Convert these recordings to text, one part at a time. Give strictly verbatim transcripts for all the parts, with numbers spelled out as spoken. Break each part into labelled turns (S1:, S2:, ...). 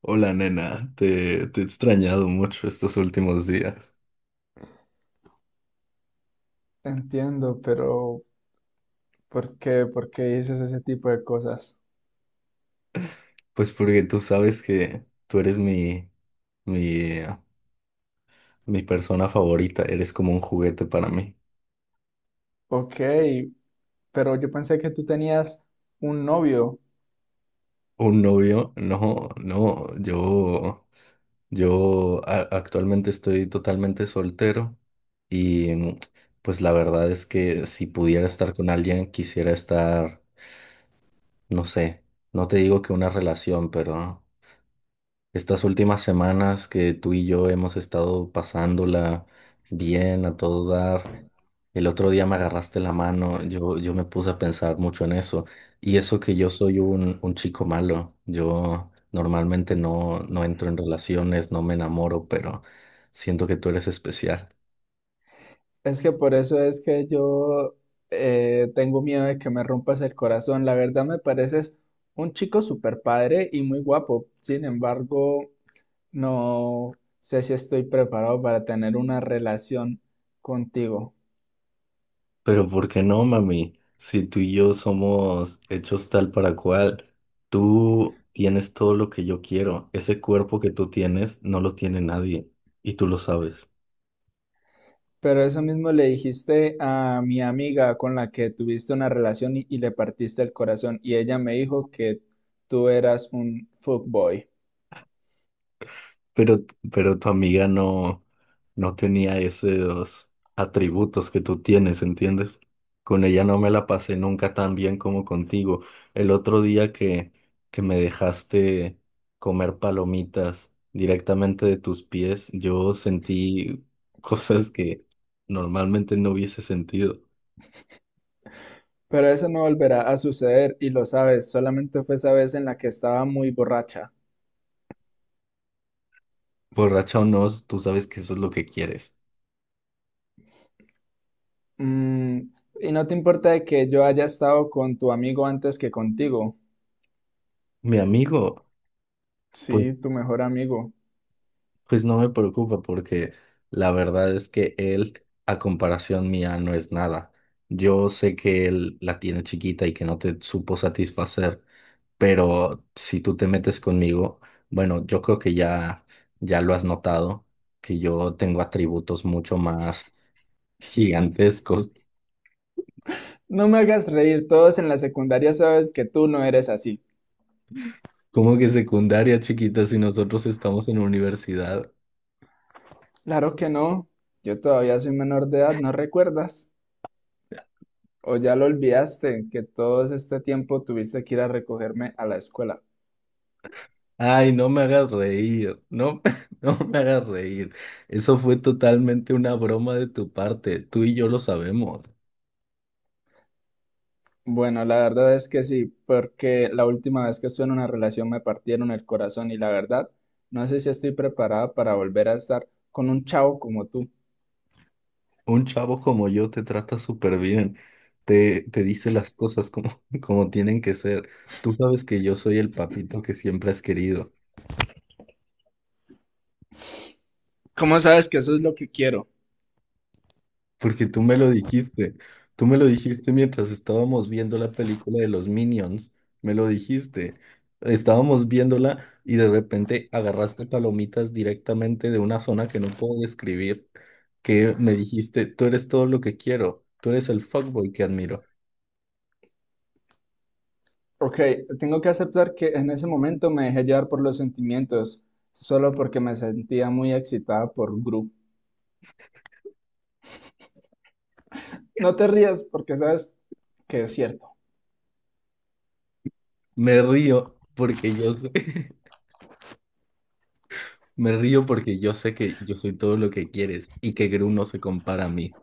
S1: Hola nena, te, te he extrañado mucho estos últimos días.
S2: Entiendo, pero ¿por qué? ¿Por qué dices ese tipo de cosas?
S1: Pues porque tú sabes que tú eres mi, mi, eh, mi persona favorita, eres como un juguete para mí.
S2: Ok, pero yo pensé que tú tenías un novio.
S1: ¿Un novio? No, no, yo, yo a- actualmente estoy totalmente soltero y mm, pues la verdad es que si pudiera estar con alguien, quisiera estar, no sé, no te digo que una relación, pero estas últimas semanas que tú y yo hemos estado pasándola bien a todo dar. El otro día me agarraste la mano, yo, yo me puse a pensar mucho en eso. Y eso que yo soy un, un chico malo, yo normalmente no, no entro en relaciones, no me enamoro, pero siento que tú eres especial.
S2: Es que por eso es que yo eh, tengo miedo de que me rompas el corazón. La verdad me pareces un chico súper padre y muy guapo. Sin embargo, no sé si estoy preparado para tener una relación contigo.
S1: Pero ¿por qué no, mami? Si tú y yo somos hechos tal para cual, tú tienes todo lo que yo quiero. Ese cuerpo que tú tienes no lo tiene nadie y tú lo sabes.
S2: Pero eso mismo le dijiste a mi amiga con la que tuviste una relación y, y le partiste el corazón y ella me dijo que tú eras un fuckboy.
S1: Pero, pero tu amiga no, no tenía esos atributos que tú tienes, ¿entiendes? Con ella no me la pasé nunca tan bien como contigo. El otro día que, que me dejaste comer palomitas directamente de tus pies, yo sentí cosas que normalmente no hubiese sentido.
S2: Pero eso no volverá a suceder y lo sabes, solamente fue esa vez en la que estaba muy borracha.
S1: Borracha o no, tú sabes que eso es lo que quieres.
S2: Mm, y no te importa de que yo haya estado con tu amigo antes que contigo.
S1: Mi amigo. Pues
S2: Sí, tu mejor amigo.
S1: Pues no me preocupa porque la verdad es que él, a comparación mía, no es nada. Yo sé que él la tiene chiquita y que no te supo satisfacer, pero si tú te metes conmigo, bueno, yo creo que ya, ya lo has notado, que yo tengo atributos mucho más gigantescos.
S2: No me hagas reír, todos en la secundaria sabes que tú no eres así.
S1: ¿Cómo que secundaria chiquita si nosotros estamos en universidad?
S2: Claro que no, yo todavía soy menor de edad, ¿no recuerdas? O ya lo olvidaste, que todo este tiempo tuviste que ir a recogerme a la escuela.
S1: Ay, no me hagas reír, no, no me hagas reír. Eso fue totalmente una broma de tu parte, tú y yo lo sabemos.
S2: Bueno, la verdad es que sí, porque la última vez que estuve en una relación me partieron el corazón y la verdad, no sé si estoy preparada para volver a estar con un chavo como tú.
S1: Un chavo como yo te trata súper bien, te, te dice las cosas como, como tienen que ser. Tú sabes que yo soy el papito que siempre has querido.
S2: ¿Cómo sabes que eso es lo que quiero?
S1: Porque tú me lo dijiste, tú me lo dijiste mientras estábamos viendo la película de los Minions, me lo dijiste. Estábamos viéndola y de repente agarraste palomitas directamente de una zona que no puedo describir, que me dijiste, tú eres todo lo que quiero, tú eres el fuckboy que admiro.
S2: Ok, tengo que aceptar que en ese momento me dejé llevar por los sentimientos, solo porque me sentía muy excitada por Gru. No te rías porque sabes que es cierto.
S1: Me río porque yo sé, me río porque yo sé que yo soy todo lo que quieres y que Gru no se compara a mí.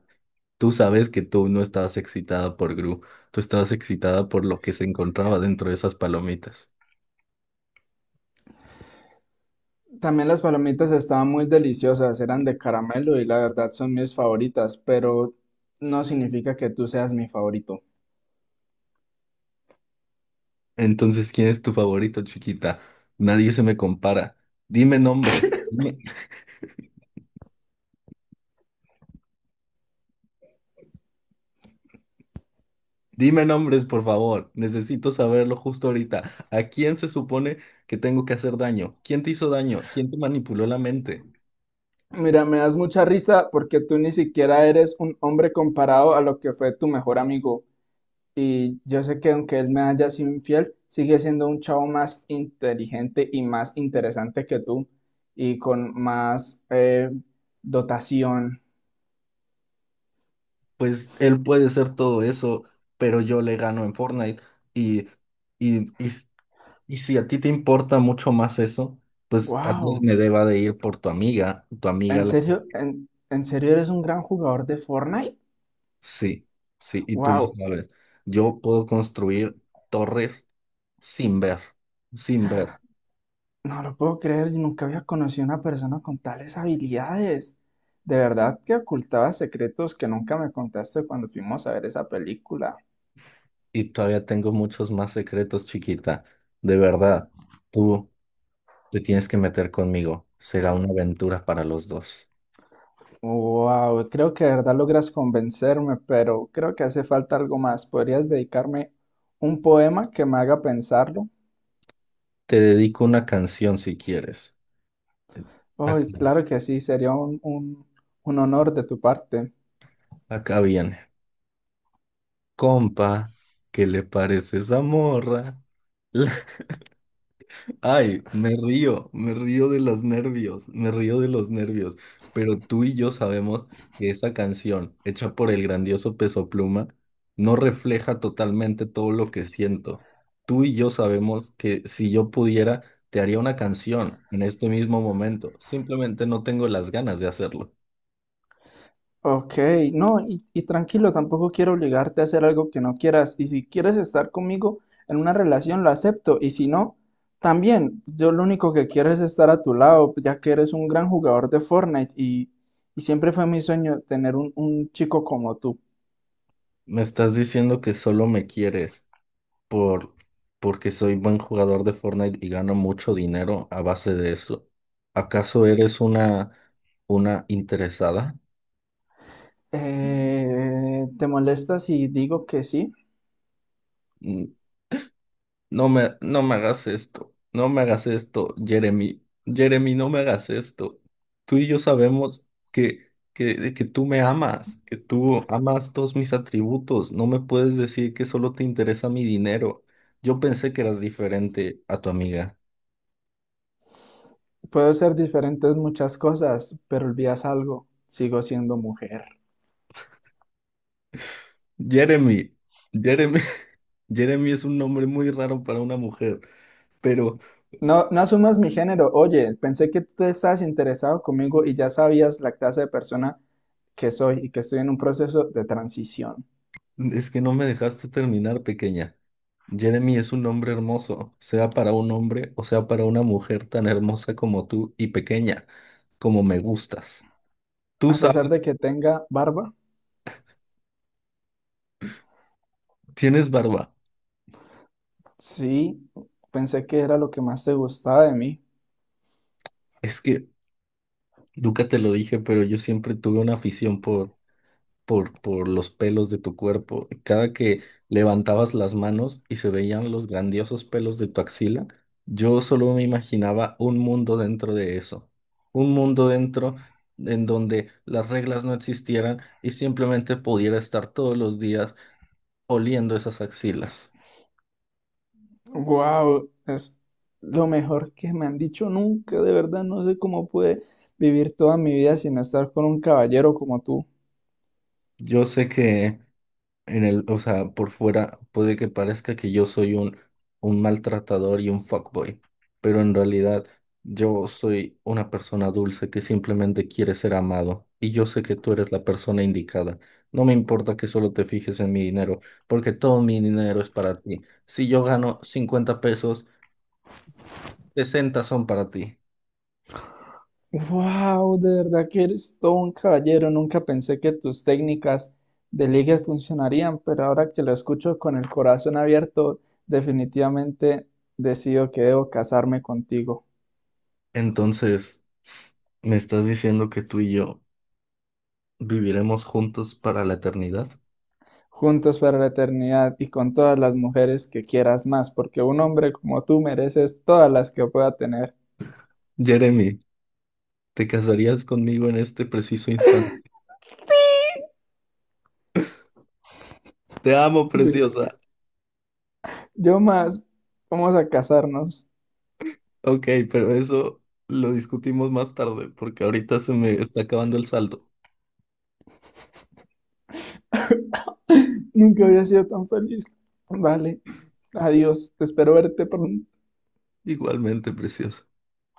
S1: Tú sabes que tú no estabas excitada por Gru, tú estabas excitada por lo que se encontraba dentro de esas palomitas.
S2: También las palomitas estaban muy deliciosas, eran de caramelo y la verdad son mis favoritas, pero no significa que tú seas mi favorito.
S1: Entonces, ¿quién es tu favorito, chiquita? Nadie se me compara. Dime nombres. Dime, dime nombres, por favor. Necesito saberlo justo ahorita. ¿A quién se supone que tengo que hacer daño? ¿Quién te hizo daño? ¿Quién te manipuló la mente?
S2: Mira, me das mucha risa porque tú ni siquiera eres un hombre comparado a lo que fue tu mejor amigo. Y yo sé que aunque él me haya sido infiel, sigue siendo un chavo más inteligente y más interesante que tú y con más eh, dotación.
S1: Pues él puede ser todo eso, pero yo le gano en Fortnite y, y, y y si a ti te importa mucho más eso, pues tal vez
S2: Wow,
S1: me deba de ir por tu amiga, tu amiga
S2: ¿en
S1: la que-
S2: serio? ¿En, en serio eres un gran jugador de Fortnite?
S1: Sí, sí, y tú lo
S2: Wow,
S1: sabes. Yo puedo construir torres sin ver, sin ver.
S2: no lo puedo creer, yo nunca había conocido a una persona con tales habilidades. De verdad que ocultaba secretos que nunca me contaste cuando fuimos a ver esa película.
S1: Y todavía tengo muchos más secretos, chiquita. De verdad, tú te tienes que meter conmigo. Será una aventura para los dos.
S2: Wow, creo que de verdad logras convencerme, pero creo que hace falta algo más. ¿Podrías dedicarme un poema que me haga pensarlo?
S1: Te dedico una canción si quieres.
S2: Ay,
S1: Acá,
S2: claro que sí, sería un, un un honor de tu parte.
S1: acá viene. Compa, ¿qué le parece esa morra? Ay, me río, me río de los nervios, me río de los nervios. Pero tú y yo sabemos que esa canción, hecha por el grandioso Peso Pluma, no refleja totalmente todo lo que siento. Tú y yo sabemos que si yo pudiera, te haría una canción en este mismo momento. Simplemente no tengo las ganas de hacerlo.
S2: Ok, no, y, y tranquilo, tampoco quiero obligarte a hacer algo que no quieras. Y si quieres estar conmigo en una relación, lo acepto. Y si no, también, yo lo único que quiero es estar a tu lado, ya que eres un gran jugador de Fortnite y, y siempre fue mi sueño tener un, un chico como tú.
S1: Me estás diciendo que solo me quieres, por porque soy buen jugador de Fortnite y gano mucho dinero a base de eso. ¿Acaso eres una una interesada?
S2: Eh, ¿te molesta si digo que sí?
S1: Mm, No me no me hagas esto. No me hagas esto, Jeremy. Jeremy, no me hagas esto. Tú y yo sabemos que que que tú me amas, que tú amas todos mis atributos. No me puedes decir que solo te interesa mi dinero. Yo pensé que eras diferente a tu amiga.
S2: Puedo ser diferente en muchas cosas, pero olvidas algo, sigo siendo mujer.
S1: Jeremy, Jeremy. Jeremy es un nombre muy raro para una mujer, pero
S2: No, no asumas mi género. Oye, pensé que tú te estabas interesado conmigo y ya sabías la clase de persona que soy y que estoy en un proceso de transición.
S1: es que no me dejaste terminar, pequeña. Jeremy es un nombre hermoso, sea para un hombre o sea para una mujer tan hermosa como tú y pequeña, como me gustas. Tú
S2: A pesar
S1: sabes,
S2: de que tenga barba,
S1: tienes barba.
S2: sí, pensé que era lo que más te gustaba de mí.
S1: Es que nunca te lo dije, pero yo siempre tuve una afición por por, por los pelos de tu cuerpo. Cada que levantabas las manos y se veían los grandiosos pelos de tu axila, yo solo me imaginaba un mundo dentro de eso. Un mundo dentro en donde las reglas no existieran y simplemente pudiera estar todos los días oliendo esas axilas.
S2: Wow, es lo mejor que me han dicho nunca. De verdad, no sé cómo pude vivir toda mi vida sin estar con un caballero como tú.
S1: Yo sé que En el, o sea, por fuera puede que parezca que yo soy un, un maltratador y un fuckboy, pero en realidad yo soy una persona dulce que simplemente quiere ser amado y yo sé que tú eres la persona indicada. No me importa que solo te fijes en mi dinero, porque todo mi dinero es para ti. Si yo gano cincuenta pesos, sesenta son para ti.
S2: Wow, de verdad que eres todo un caballero. Nunca pensé que tus técnicas de ligue funcionarían, pero ahora que lo escucho con el corazón abierto, definitivamente decido que debo casarme contigo.
S1: Entonces, ¿me estás diciendo que tú y yo viviremos juntos para la eternidad?
S2: Juntos para la eternidad y con todas las mujeres que quieras más, porque un hombre como tú mereces todas las que pueda tener.
S1: Jeremy. ¿Te casarías conmigo en este preciso instante? Te amo,
S2: Sí.
S1: preciosa.
S2: Yo más, vamos a casarnos.
S1: Ok, pero eso lo discutimos más tarde porque ahorita se me está acabando el saldo.
S2: Nunca había sido tan feliz. Vale, adiós, te espero verte pronto.
S1: Igualmente, preciosa.